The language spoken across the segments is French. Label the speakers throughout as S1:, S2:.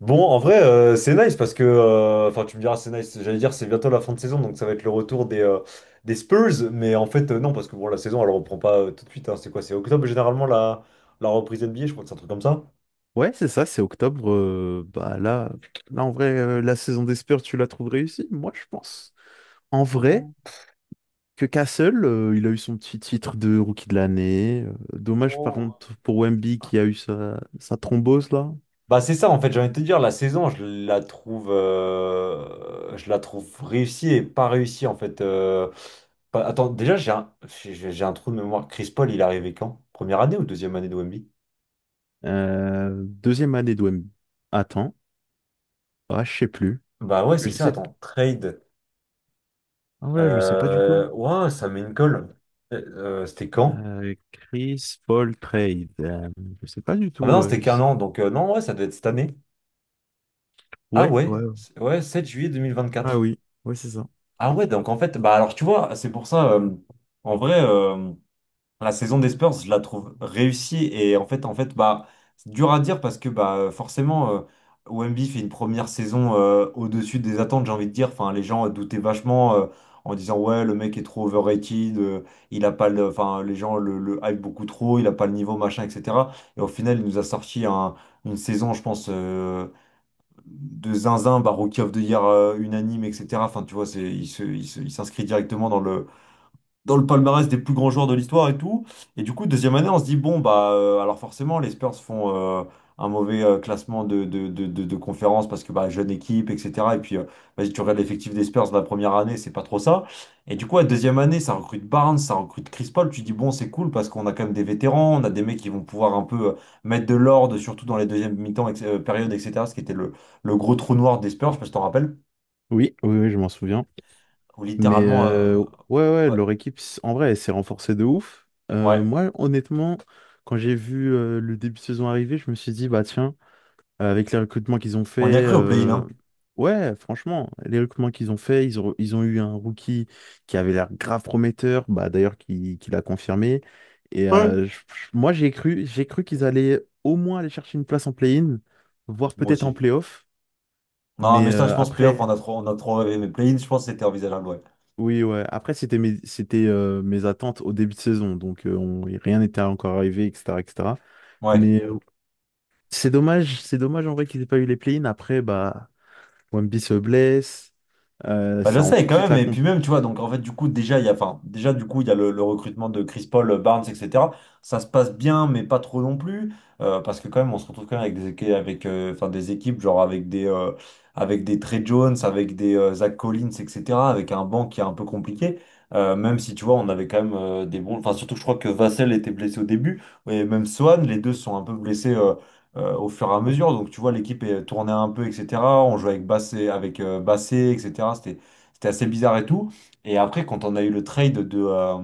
S1: Bon, en vrai, c'est nice parce que, enfin, tu me diras, c'est nice. J'allais dire, c'est bientôt la fin de saison, donc ça va être le retour des Spurs. Mais en fait, non, parce que bon, la saison, elle reprend pas tout de suite. Hein. C'est quoi? C'est octobre généralement la reprise NBA, je crois que c'est un truc comme ça.
S2: Ouais, c'est ça, c'est octobre. Bah là, en vrai, la saison des Spurs, tu la trouves réussie? Moi, je pense. En vrai, que Castle, il a eu son petit titre de rookie de l'année. Dommage, par contre, pour Wemby qui a eu sa thrombose, là.
S1: Bah, c'est ça, en fait, j'ai envie de te dire, la saison, je la trouve réussie et pas réussie, en fait. Bah, attends, déjà, j'ai un trou de mémoire. Chris Paul, il est arrivé quand? Première année ou deuxième année de Wemby?
S2: Deuxième année de Wemby. Attends. Ah, je sais plus.
S1: Bah ouais, c'est
S2: Je
S1: ça,
S2: sais...
S1: attends. Trade.
S2: Ah, voilà, je sais pas du tout.
S1: Ouah, ça met une colle. C'était quand?
S2: Chris Paul Trade. Je sais pas du
S1: Ah bah
S2: tout.
S1: non, c'était qu'un an, donc non, ouais, ça devait être cette année. Ah
S2: Ouais,
S1: ouais,
S2: ouais. ouais.
S1: ouais, sept juillet deux mille vingt
S2: Ah
S1: quatre
S2: oui, ouais, c'est ça.
S1: Ah ouais, donc en fait, bah alors tu vois, c'est pour ça, en vrai. La saison des Spurs, je la trouve réussie et en fait, bah, c'est dur à dire parce que bah, forcément, Wemby fait une première saison au-dessus des attentes, j'ai envie de dire. Enfin, les gens doutaient vachement en disant ouais, le mec est trop overrated, il a pas le, enfin, les gens le hype beaucoup trop, il a pas le niveau, machin, etc. Et au final, il nous a sorti une saison, je pense, de zinzin, bah, Rookie of the Year unanime, etc. Enfin, tu vois, c'est, il se, il se- il s'inscrit directement dans le palmarès des plus grands joueurs de l'histoire et tout. Et du coup, deuxième année, on se dit, bon, bah, alors forcément, les Spurs font un mauvais classement de conférence parce que, bah, jeune équipe, etc. Et puis, vas-y, tu regardes l'effectif des Spurs de la première année, c'est pas trop ça. Et du coup, la deuxième année, ça recrute Barnes, ça recrute Chris Paul. Tu dis, bon, c'est cool parce qu'on a quand même des vétérans, on a des mecs qui vont pouvoir un peu mettre de l'ordre, surtout dans les deuxièmes mi-temps, périodes, etc. Ce qui était le gros trou noir des Spurs, je sais pas si t'en rappelles,
S2: Oui, oui, oui, je m'en souviens.
S1: où
S2: Mais
S1: littéralement,
S2: ouais, ouais,
S1: ouais,
S2: leur équipe, s- en vrai, elle s'est renforcée de ouf.
S1: ouais,
S2: Moi, honnêtement, quand j'ai vu le début de saison arriver, je me suis dit, bah tiens. Avec les recrutements qu'ils ont fait,
S1: on y a cru au play-in,
S2: euh,
S1: hein.
S2: ouais, franchement, les recrutements qu'ils ont fait, ils ont eu un rookie qui avait l'air grave prometteur, bah, d'ailleurs, qui l'a confirmé. Et
S1: Ouais.
S2: moi, j'ai cru qu'ils allaient au moins aller chercher une place en play-in, voire
S1: Moi
S2: peut-être en
S1: aussi.
S2: play-off.
S1: Non,
S2: Mais
S1: mais ça, je pense, playoff,
S2: après,
S1: on a trop rêvé. Mais play-in, je pense que c'était envisageable, ouais.
S2: oui, ouais, après, c'était mes attentes au début de saison, donc rien n'était encore arrivé, etc., etc.
S1: Ouais.
S2: Mais c'est dommage en vrai qu'ils aient pas eu les play-in. Après, bah, Wemby se blesse.
S1: Bah, je
S2: Ça rend
S1: sais
S2: tout de
S1: quand
S2: suite
S1: même,
S2: la
S1: et
S2: comp.
S1: puis même, tu vois, donc en fait, du coup, déjà, enfin, déjà, du coup, il y a le recrutement de Chris Paul, Barnes, etc. Ça se passe bien, mais pas trop non plus, parce que quand même, on se retrouve quand même avec avec, enfin, des équipes, genre avec des, Trey Jones, avec des Zach Collins, etc., avec un banc qui est un peu compliqué, même si, tu vois, on avait quand même des bons, enfin, surtout, je crois que Vassell était blessé au début, et même Swan, les deux sont un peu blessés, au fur et à mesure. Donc tu vois, l'équipe est tournée un peu, etc. On jouait avec Bassé, etc. C'était assez bizarre et tout. Et après, quand on a eu le trade de, euh,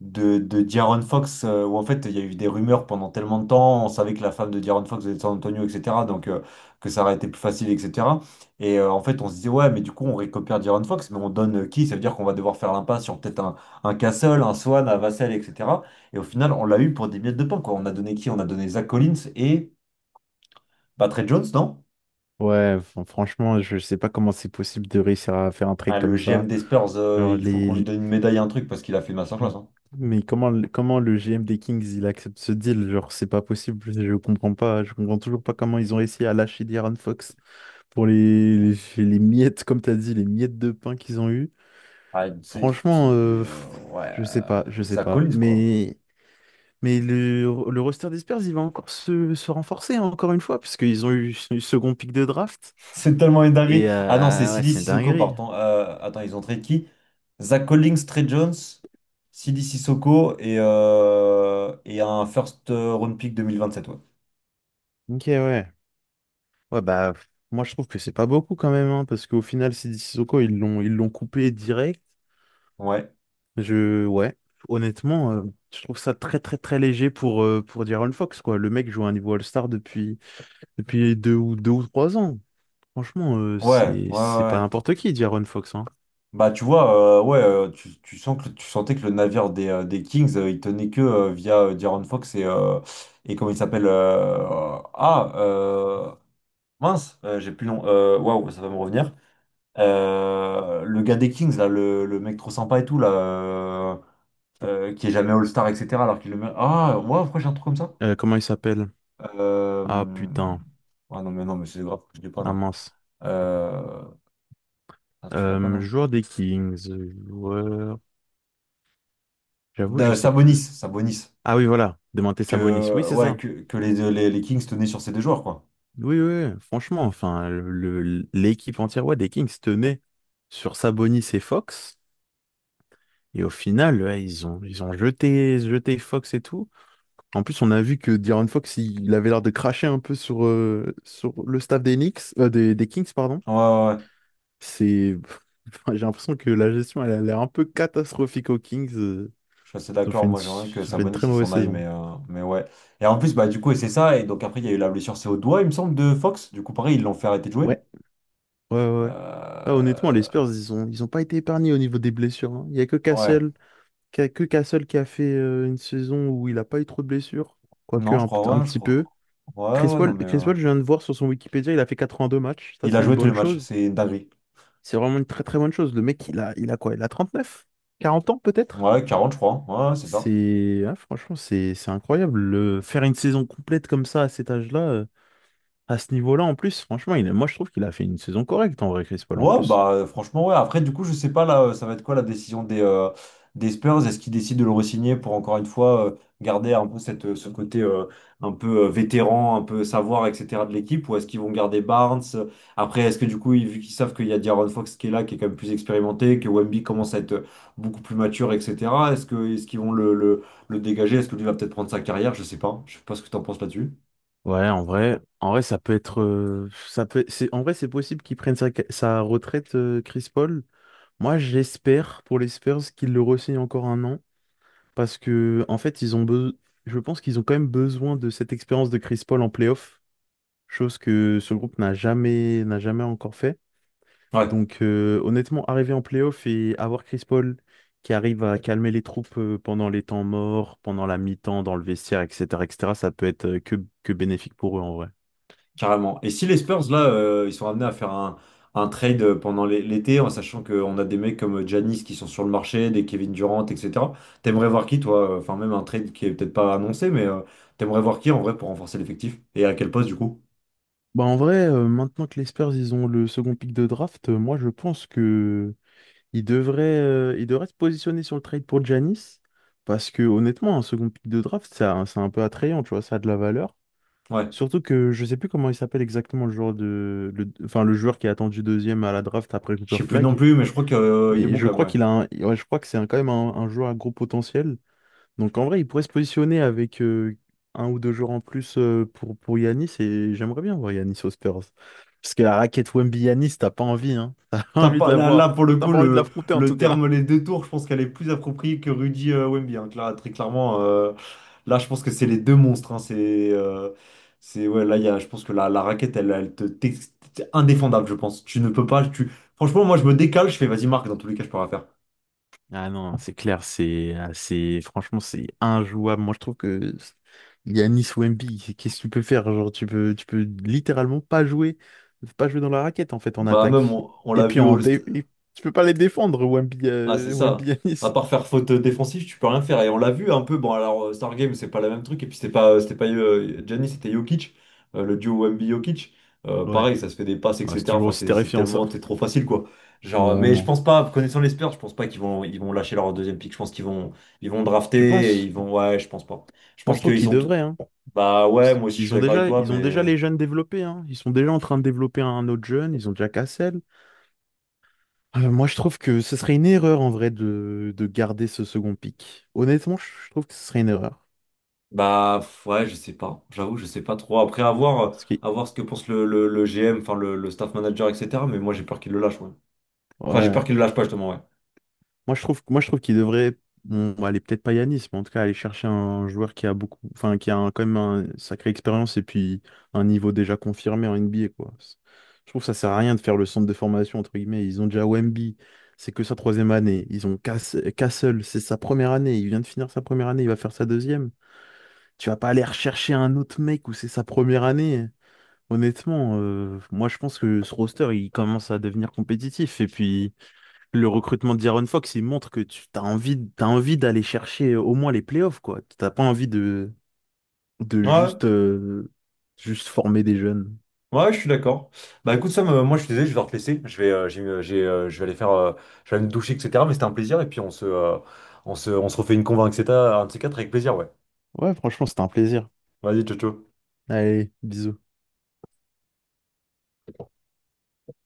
S1: de, de De'Aaron Fox, où en fait, il y a eu des rumeurs pendant tellement de temps, on savait que la femme de De'Aaron Fox était de San Antonio, etc., donc que ça aurait été plus facile, etc. Et en fait, on se disait, ouais, mais du coup, on récupère De'Aaron Fox, mais on donne qui? Ça veut dire qu'on va devoir faire l'impasse sur peut-être un Castle, un Swan, un Vassell, etc. Et au final, on l'a eu pour des miettes de pain, quoi. On a donné qui? On a donné Zach Collins et bah, Trey Jones, non?
S2: Ouais, franchement, je sais pas comment c'est possible de réussir à faire un
S1: Ah,
S2: trade
S1: le
S2: comme
S1: GM
S2: ça.
S1: des Spurs,
S2: Genre
S1: il faut
S2: les
S1: qu'on lui
S2: les-
S1: donne une médaille, un truc, parce qu'il a fait une masterclass, hein.
S2: mais comment le GM des Kings il accepte ce deal? Genre c'est pas possible, je comprends pas, je comprends toujours pas comment ils ont réussi à lâcher De'Aaron Fox pour les miettes comme t'as dit, les miettes de pain qu'ils ont eu.
S1: Ah, c'est
S2: Franchement,
S1: petit,
S2: pff,
S1: ouais,
S2: je sais pas, je sais
S1: Zach
S2: pas.
S1: Collins, quoi.
S2: Mais le, le roster des Spurs, il va encore se renforcer hein, encore une fois parce qu'ils ont eu ce second pick de draft.
S1: C'est tellement une dinguerie.
S2: Et
S1: Ah non, c'est
S2: ouais,
S1: Sidi
S2: c'est une
S1: Sissoko,
S2: dinguerie.
S1: pardon. Attends, ils ont trade qui? Zach Collins, Trey Jones, Sidi Sissoko et un first round pick 2027, ouais.
S2: Ok, ouais. Ouais, bah, pff, moi, je trouve que c'est pas beaucoup quand même, hein, parce qu'au final, Sidi Sissoko, ils l'ont coupé direct.
S1: Ouais,
S2: Je, ouais, honnêtement, je trouve ça très, très, très léger pour Di'Aaron Fox, quoi. Le mec joue à un niveau All-Star depuis, depuis deux ou trois ans. Franchement,
S1: ouais, ouais, ouais.
S2: c'est pas
S1: Ouais.
S2: n'importe qui, Di'Aaron Fox, hein.
S1: Bah, tu vois, ouais, tu sentais que le navire des Kings, il tenait que via De'Aaron Fox et comment il s'appelle, Ah, mince, j'ai plus le nom. Waouh, ça va me revenir. Le gars des Kings, là, le mec trop sympa et tout, là, qui est jamais All-Star, etc. Alors qu'il le met. Ah, ouais, pourquoi j'ai un truc comme ça?
S2: Comment il s'appelle? Ah,
S1: Euh...
S2: putain.
S1: Ah non, mais non, mais c'est grave, je l'ai pas,
S2: Ah,
S1: non.
S2: mince.
S1: Euh... Ah, tu l'as pas, non?
S2: Joueur des Kings, joueur... J'avoue, je sais plus.
S1: Sabonis, Sabonis.
S2: Ah oui, voilà. Demanté Sabonis. Oui,
S1: Que,
S2: c'est
S1: ouais,
S2: ça.
S1: que, que les Kings tenaient sur ces deux joueurs, quoi.
S2: Oui, oui, oui, franchement, enfin, l'équipe entière ouais, des Kings tenait sur Sabonis et Fox. Et au final, ouais, jeté Fox et tout. En plus, on a vu que De'Aaron Fox, il avait l'air de cracher un peu sur le staff des Knicks, des Kings, pardon.
S1: Ouais, ouais, ouais.
S2: C'est, enfin, j'ai l'impression que la gestion, elle a l'air un peu catastrophique aux Kings.
S1: Je suis assez d'accord, moi j'aimerais que
S2: Ils ont fait une
S1: Sabonis
S2: très
S1: il
S2: mauvaise
S1: s'en aille,
S2: saison.
S1: mais ouais. Et en plus, bah du coup, et c'est ça, et donc après il y a eu la blessure, c'est au doigt, il me semble, de Fox. Du coup, pareil, ils l'ont fait arrêter de jouer.
S2: Ouais, ouais, ouais. Ah, honnêtement, les
S1: Euh,
S2: Spurs, ils ont pas été épargnés au niveau des blessures. Hein. Il y a que
S1: Ouais,
S2: Cassel. Qu'il y a que Castle qui a fait une saison où il n'a pas eu trop de blessures, quoique
S1: non,
S2: un
S1: je
S2: petit peu.
S1: crois. Ouais, ouais, non, mais
S2: Chris Paul, je viens de voir sur son Wikipédia, il a fait 82 matchs. Ça,
S1: il a
S2: c'est une
S1: joué tous les
S2: bonne
S1: matchs,
S2: chose.
S1: c'est une dinguerie.
S2: C'est vraiment une très très bonne chose. Le mec, il a quoi? Il a 39? 40 ans peut-être?
S1: Ouais, 40, je crois, hein. Ouais, ouais, c'est ça.
S2: Franchement, c'est incroyable. Le- faire une saison complète comme ça à cet âge-là, à ce niveau-là en plus, franchement, moi je trouve qu'il a fait une saison correcte en vrai, Chris Paul en
S1: Ouais,
S2: plus.
S1: bah franchement, ouais. Après, du coup, je sais pas là, ça va être quoi la décision des Spurs? Est-ce qu'ils décident de le re-signer pour encore une fois garder un peu ce côté un peu vétéran, un peu savoir, etc. de l'équipe? Ou est-ce qu'ils vont garder Barnes? Après, est-ce que du coup, vu qu'ils savent qu'il y a De'Aaron Fox qui est là, qui est quand même plus expérimenté, que Wemby commence à être beaucoup plus mature, etc. Est-ce qu'ils vont le dégager? Est-ce que lui va peut-être prendre sa carrière? Je sais pas. Je sais pas ce que tu en penses là-dessus.
S2: Ouais, en vrai, ça peut être, ça peut, c'est, en vrai, c'est possible qu'il prenne sa retraite, Chris Paul. Moi, j'espère pour les Spurs qu'ils le re encore un an parce que en fait, je pense qu'ils ont quand même besoin de cette expérience de Chris Paul en playoff, chose que ce groupe n'a jamais encore fait.
S1: Ouais.
S2: Donc honnêtement, arriver en playoff et avoir Chris Paul qui arrive à calmer les troupes pendant les temps morts, pendant la mi-temps dans le vestiaire, etc., etc., ça peut être que bénéfique pour eux en vrai.
S1: Carrément. Et si les Spurs, là, ils sont amenés à faire un, trade pendant l'été, en sachant qu'on a des mecs comme Giannis qui sont sur le marché, des Kevin Durant, etc. T'aimerais voir qui, toi? Enfin, même un trade qui est peut-être pas annoncé, mais t'aimerais voir qui en vrai pour renforcer l'effectif? Et à quel poste, du coup?
S2: Bah en vrai, maintenant que les Spurs ils ont le second pick de draft, moi je pense que ils devraient se positionner sur le trade pour Giannis parce que honnêtement, un second pick de draft, ça, c'est un peu attrayant, tu vois, ça a de la valeur.
S1: Ouais.
S2: Surtout que je sais plus comment il s'appelle exactement le joueur de, le, enfin le joueur qui a attendu deuxième à la draft après
S1: Je
S2: Cooper
S1: sais plus non
S2: Flag.
S1: plus, mais je crois qu'il est
S2: Mais
S1: bon
S2: je
S1: quand même,
S2: crois
S1: ouais.
S2: ouais, je crois que quand même un joueur à gros potentiel. Donc en vrai, il pourrait se positionner avec un ou deux joueurs en plus pour Yanis et j'aimerais bien voir Yanis aux Spurs. Parce que la raquette Wemby Yanis, t'as pas envie, hein. T'as pas
S1: T'as
S2: envie de
S1: pas,
S2: la
S1: là, là,
S2: voir.
S1: pour le
S2: T'as
S1: coup,
S2: pas envie de
S1: le,
S2: l'affronter en
S1: le
S2: tout cas.
S1: terme les deux tours, je pense qu'elle est plus appropriée que Rudy Wemby, hein, très clairement. Là, je pense que c'est les deux monstres. Hein. C'est ouais. Là, je pense que la raquette, elle t'es indéfendable, je pense. Tu ne peux pas. Franchement, moi, je me décale. Je fais, vas-y, marque. Dans tous les cas, je peux rien faire.
S2: Ah non, c'est clair, c'est assez, franchement, c'est injouable. Moi, je trouve que Yanis Wemby, c'est- qu'est-ce que tu peux faire? Genre, tu peux littéralement pas jouer, pas jouer dans la raquette, en fait, en
S1: Bah, même,
S2: attaque.
S1: on
S2: Et
S1: l'a
S2: puis,
S1: vu au
S2: en
S1: all.
S2: dé... et tu peux pas les défendre, Wemby,
S1: Ah, c'est
S2: Wemby
S1: ça. À
S2: Yanis.
S1: part faire faute défensive, tu peux rien faire. Et on l'a vu un peu. Bon, alors, Stargame, c'est pas le même truc. Et puis, c'était pas Giannis, c'était Jokic, le duo Wemby-Jokic. Euh,
S2: Ouais,
S1: pareil, ça se fait des passes,
S2: Ouais, c'est
S1: etc.
S2: toujours
S1: Enfin,
S2: aussi
S1: c'est
S2: terrifiant, ça.
S1: tellement, c'est trop facile, quoi.
S2: Ouais,
S1: Genre, mais je
S2: vraiment.
S1: pense pas, connaissant les Spurs, je pense pas qu'ils vont lâcher leur deuxième pick. Je pense qu'ils vont
S2: Tu
S1: drafter et
S2: penses?
S1: ils vont, ouais, je pense pas. Je
S2: Moi, je
S1: pense
S2: trouve
S1: qu'ils
S2: qu'ils
S1: sont,
S2: devraient, hein.
S1: bah ouais, moi aussi, je suis d'accord avec toi,
S2: Ils ont déjà
S1: mais.
S2: les jeunes développés, hein. Ils sont déjà en train de développer un autre jeune, ils ont déjà Cassel. Moi, je trouve que ce serait une erreur en vrai de garder ce second pic. Honnêtement, je trouve que ce serait une erreur.
S1: Bah pff, ouais, je sais pas. J'avoue, je sais pas trop. Après, à voir, euh,
S2: Parce que,
S1: à voir ce que pense le GM, enfin le staff manager, etc. Mais moi, j'ai peur qu'il le lâche, ouais. Enfin, j'ai peur
S2: ouais,
S1: qu'il le lâche pas, justement, ouais.
S2: moi je trouve qu'il devrait, bon, aller peut-être pas Yanis, mais en tout cas aller chercher un joueur qui a beaucoup, enfin quand même une sacrée expérience et puis un niveau déjà confirmé en NBA quoi. C'est- Je trouve que ça sert à rien de faire le centre de formation entre guillemets. Ils ont déjà Wemby, c'est que sa troisième année. Ils ont Cass- Castle, c'est sa première année. Il vient de finir sa première année, il va faire sa deuxième. Tu vas pas aller rechercher un autre mec où c'est sa première année. Honnêtement, moi je pense que ce roster il commence à devenir compétitif et puis le recrutement d'Iron Fox il montre que tu as envie, t'as envie d'aller chercher au moins les playoffs quoi. T'as pas envie de, de
S1: Ouais,
S2: juste, euh, juste former des jeunes.
S1: ouais, ouais, je suis d'accord. Bah écoute, Sam, moi, je suis désolé, je vais devoir te laisser. J'ai, je vais aller faire, je vais aller me doucher, etc. Mais c'était un plaisir. Et puis, on se refait une convo, etc. Un de ces quatre avec plaisir, ouais.
S2: Ouais, franchement, c'était un plaisir.
S1: Vas-y, ciao, ciao.
S2: Allez, bisous.